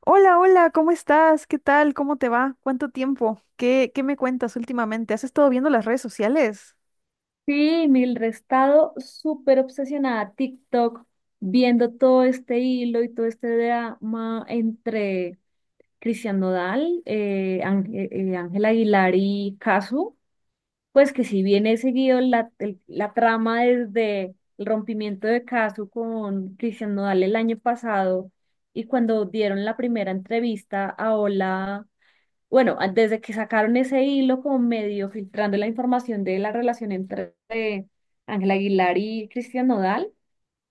Hola, hola, ¿cómo estás? ¿Qué tal? ¿Cómo te va? ¿Cuánto tiempo? ¿Qué me cuentas últimamente? ¿Has estado viendo las redes sociales? Sí, Mildred, he estado súper obsesionada a TikTok, viendo todo este hilo y todo este drama entre Cristian Nodal, Ángel, Ángel Aguilar y Casu. Pues que si bien he seguido la trama desde el rompimiento de Casu con Cristian Nodal el año pasado y cuando dieron la primera entrevista a Hola. Bueno, desde que sacaron ese hilo como medio filtrando la información de la relación entre Ángela Aguilar y Cristian Nodal.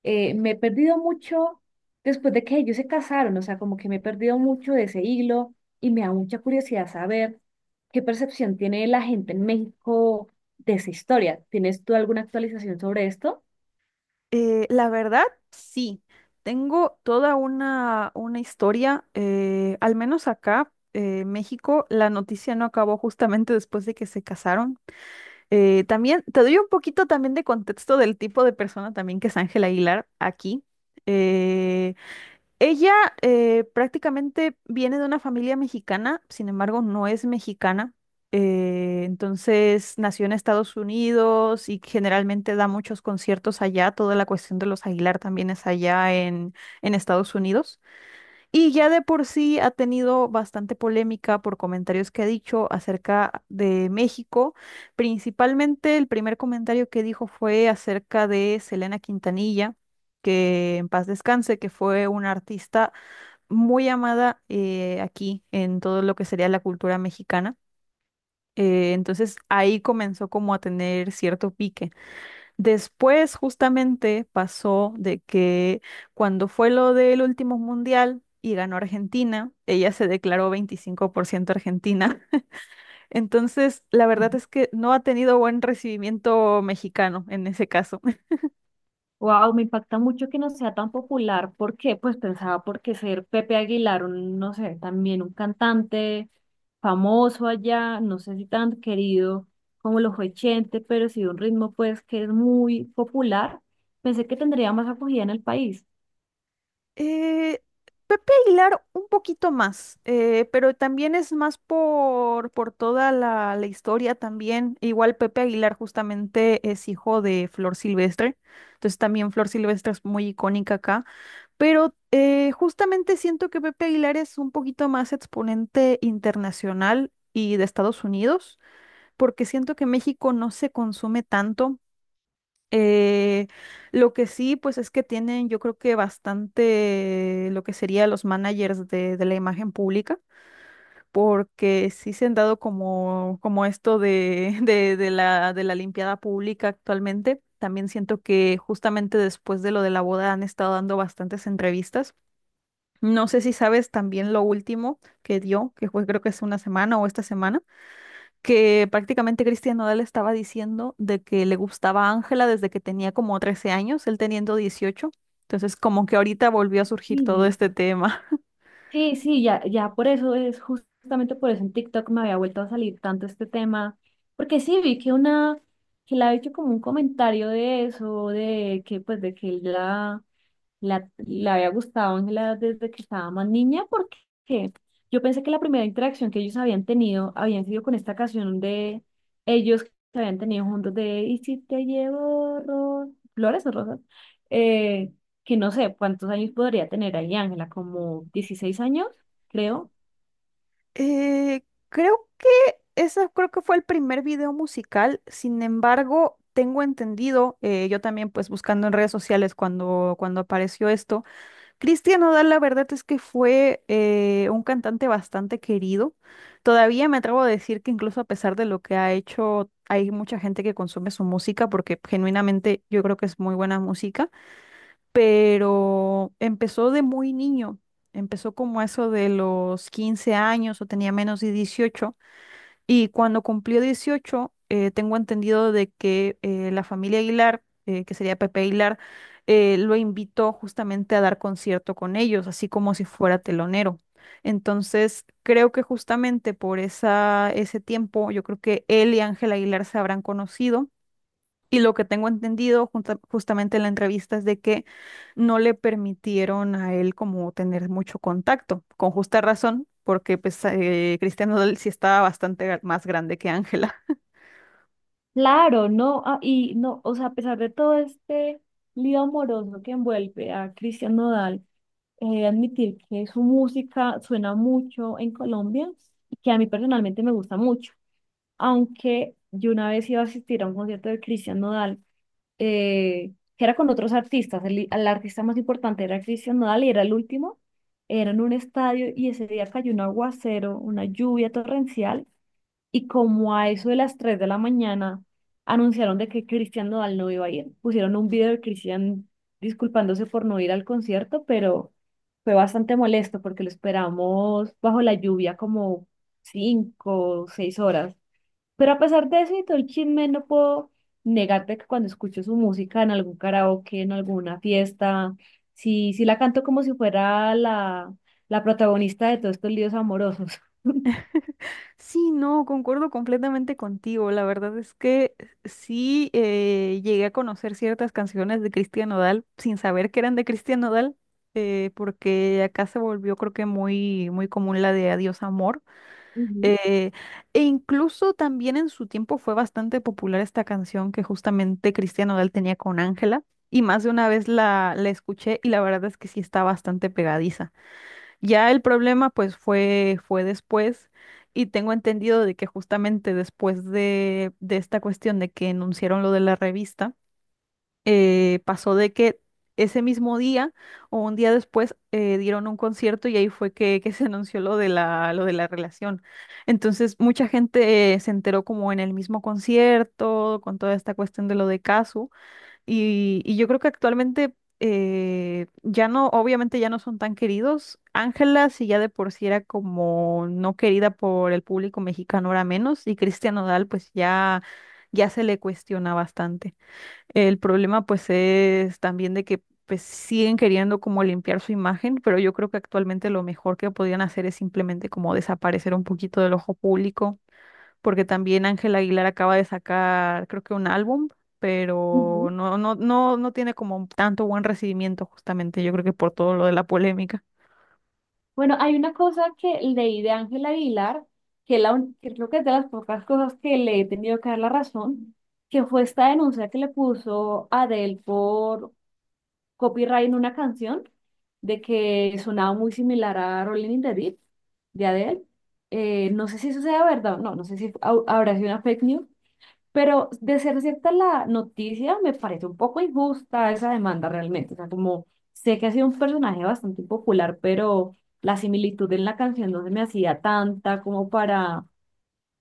Me he perdido mucho después de que ellos se casaron, o sea, como que me he perdido mucho de ese hilo y me da mucha curiosidad saber qué percepción tiene la gente en México de esa historia. ¿Tienes tú alguna actualización sobre esto? La verdad, sí. Tengo toda una historia, al menos acá, México, la noticia no acabó justamente después de que se casaron. También te doy un poquito también de contexto del tipo de persona también que es Ángela Aguilar aquí. Eh, Ella prácticamente viene de una familia mexicana, sin embargo, no es mexicana. Entonces nació en Estados Unidos y generalmente da muchos conciertos allá. Toda la cuestión de los Aguilar también es allá en Estados Unidos. Y ya de por sí ha tenido bastante polémica por comentarios que ha dicho acerca de México. Principalmente el primer comentario que dijo fue acerca de Selena Quintanilla, que en paz descanse, que fue una artista muy amada, aquí en todo lo que sería la cultura mexicana. Entonces ahí comenzó como a tener cierto pique. Después justamente pasó de que cuando fue lo del último mundial y ganó Argentina, ella se declaró 25% argentina. Entonces la verdad es que no ha tenido buen recibimiento mexicano en ese caso. Wow, me impacta mucho que no sea tan popular. ¿Por qué? Pues pensaba porque ser Pepe Aguilar, un, no sé, también un cantante famoso allá, no sé si tan querido como lo fue Chente, pero sí de un ritmo pues que es muy popular. Pensé que tendría más acogida en el país. Eh, Pepe Aguilar un poquito más, pero también es más por toda la historia también. Igual Pepe Aguilar justamente es hijo de Flor Silvestre, entonces también Flor Silvestre es muy icónica acá, pero justamente siento que Pepe Aguilar es un poquito más exponente internacional y de Estados Unidos, porque siento que México no se consume tanto. Eh, lo que sí, pues es que tienen, yo creo que bastante lo que sería los managers de la imagen pública, porque sí se han dado como, como esto de, de de la limpiada pública actualmente. También siento que justamente después de lo de la boda han estado dando bastantes entrevistas. No sé si sabes también lo último que dio, que fue creo que es una semana o esta semana que prácticamente Cristian Nodal estaba diciendo de que le gustaba Ángela desde que tenía como 13 años, él teniendo 18. Entonces, como que ahorita volvió a surgir todo Sí, este tema. sí, sí, ya, ya por eso es justamente por eso en TikTok me había vuelto a salir tanto este tema, porque sí vi que que le ha hecho como un comentario de eso, de que pues de que él ya la había gustado Ángela desde que estaba más niña, porque yo pensé que la primera interacción que ellos habían tenido habían sido con esta canción de ellos que habían tenido juntos de ¿Y si te llevo flores o rosas? Eh, que no sé cuántos años podría tener ahí Ángela, como 16 años, creo. Creo que ese creo que fue el primer video musical. Sin embargo, tengo entendido, yo también pues buscando en redes sociales cuando apareció esto. Cristian Nodal, la verdad es que fue un cantante bastante querido. Todavía me atrevo a decir que incluso a pesar de lo que ha hecho, hay mucha gente que consume su música porque genuinamente yo creo que es muy buena música, pero empezó de muy niño. Empezó como eso de los 15 años o tenía menos de 18. Y cuando cumplió 18, tengo entendido de que la familia Aguilar, que sería Pepe Aguilar, lo invitó justamente a dar concierto con ellos, así como si fuera telonero. Entonces, creo que justamente por ese tiempo, yo creo que él y Ángel Aguilar se habrán conocido, y lo que tengo entendido justamente en la entrevista es de que no le permitieron a él como tener mucho contacto, con justa razón, porque pues, Cristian Nodal sí estaba más grande que Ángela. Claro, no, ah, y no, o sea, a pesar de todo este lío amoroso que envuelve a Cristian Nodal, he admitir que su música suena mucho en Colombia y que a mí personalmente me gusta mucho. Aunque yo una vez iba a asistir a un concierto de Christian Nodal, que era con otros artistas. El artista más importante era Christian Nodal y era el último. Era en un estadio y ese día cayó un aguacero, una lluvia torrencial, y como a eso de las 3 de la mañana anunciaron de que Cristian Nodal no iba a ir. Pusieron un video de Cristian disculpándose por no ir al concierto, pero fue bastante molesto porque lo esperamos bajo la lluvia como cinco o 6 horas. Pero a pesar de eso y todo el chisme, no puedo negarte que cuando escucho su música en algún karaoke, en alguna fiesta, sí, sí la canto como si fuera la protagonista de todos estos líos amorosos. Sí, no, concuerdo completamente contigo. La verdad es que sí, llegué a conocer ciertas canciones de Cristian Nodal sin saber que eran de Cristian Nodal, porque acá se volvió creo que muy, muy común la de Adiós Amor. Ujú, Eh, E incluso también en su tiempo fue bastante popular esta canción que justamente Cristian Nodal tenía con Ángela, y más de una vez la escuché y la verdad es que sí está bastante pegadiza. Ya el problema pues fue, fue después y tengo entendido de que justamente después de esta cuestión de que enunciaron lo de la revista, pasó de que ese mismo día o un día después, dieron un concierto y ahí fue que se anunció lo de lo de la relación. Entonces mucha gente, se enteró como en el mismo concierto, con toda esta cuestión de lo de Casu y yo creo que actualmente ya no, obviamente ya no son tan queridos. Ángela, si ya de por sí era como no querida por el público mexicano, ahora menos. Y Cristian Nodal, pues ya, ya se le cuestiona bastante. El problema pues es también de que pues siguen queriendo como limpiar su imagen, pero yo creo que actualmente lo mejor que podían hacer es simplemente como desaparecer un poquito del ojo público, porque también Ángela Aguilar acaba de sacar creo que un álbum, pero ujú. No tiene como tanto buen recibimiento justamente, yo creo que por todo lo de la polémica. Bueno, hay una cosa que leí de Ángela Aguilar, que creo que es de las pocas cosas que le he tenido que dar la razón, que fue esta denuncia que le puso Adele por copyright en una canción, de que sonaba muy similar a Rolling in the Deep de Adele. No sé si eso sea verdad o no, no sé si habrá sido una fake news, pero de ser cierta la noticia, me parece un poco injusta esa demanda realmente. O sea, como sé que ha sido un personaje bastante popular, pero la similitud en la canción no se me hacía tanta como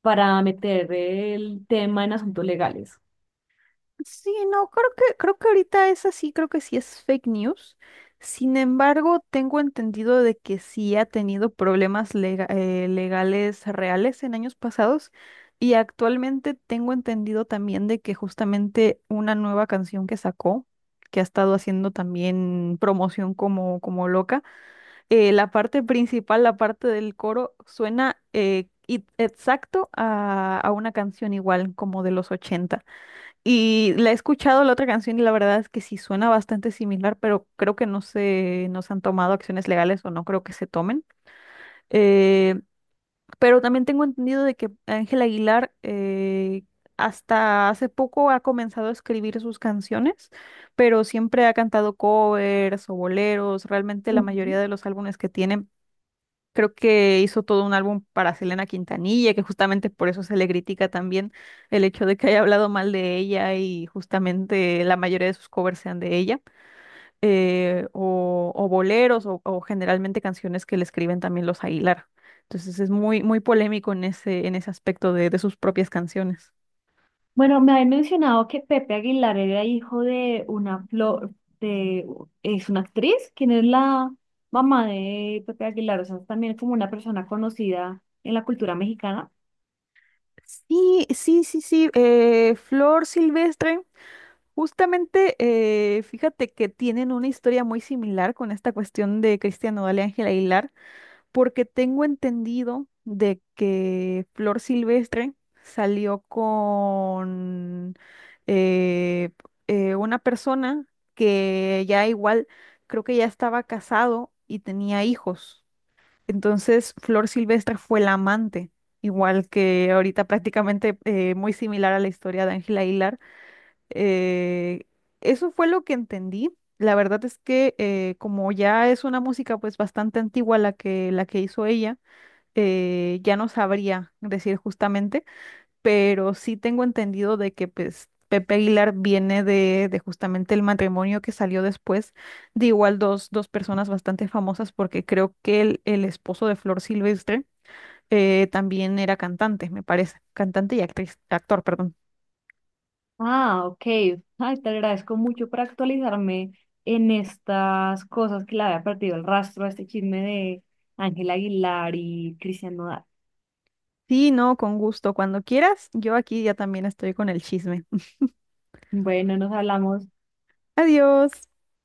para meter el tema en asuntos legales. Sí, no, creo que ahorita es así, creo que sí es fake news. Sin embargo, tengo entendido de que sí ha tenido problemas legales reales en años pasados, y actualmente tengo entendido también de que justamente una nueva canción que sacó, que ha estado haciendo también promoción como, como loca, la parte principal, la parte del coro, suena exacto a una canción igual como de los 80. Y la he escuchado la otra canción y la verdad es que sí suena bastante similar, pero creo que no se han tomado acciones legales o no creo que se tomen. Eh, pero también tengo entendido de que Ángel Aguilar, hasta hace poco ha comenzado a escribir sus canciones, pero siempre ha cantado covers o boleros. Realmente la mayoría Ujú. de los álbumes que tiene. Creo que hizo todo un álbum para Selena Quintanilla, que justamente por eso se le critica también el hecho de que haya hablado mal de ella y justamente la mayoría de sus covers sean de ella, o boleros o generalmente canciones que le escriben también los Aguilar. Entonces es muy, muy polémico en en ese aspecto de sus propias canciones. Bueno, me habían mencionado que Pepe Aguilar era hijo de una flor, de, es una actriz, quien es la mamá de Pepe Aguilar, o sea, es también como una persona conocida en la cultura mexicana. Sí, sí, sí, sí. Flor Silvestre, justamente, fíjate que tienen una historia muy similar con esta cuestión de Cristian Nodal y Ángela Aguilar, porque tengo entendido de que Flor Silvestre salió con eh, una persona que ya igual, creo que ya estaba casado y tenía hijos. Entonces, Flor Silvestre fue la amante, igual que ahorita prácticamente, muy similar a la historia de Ángela Hilar. Eh, Eso fue lo que entendí. La verdad es que, como ya es una música pues bastante antigua la que hizo ella, ya no sabría decir justamente, pero sí tengo entendido de que pues Pepe Aguilar viene de justamente el matrimonio que salió después de igual dos personas bastante famosas, porque creo que el esposo de Flor Silvestre, también era cantante, me parece, cantante y actriz, actor, perdón. Ah, ok. Ay, te agradezco mucho por actualizarme en estas cosas que le había perdido el rastro a este chisme de Ángel Aguilar y Cristian Nodal. Sí, no, con gusto. Cuando quieras, yo aquí ya también estoy con el chisme. Bueno, nos hablamos. Adiós.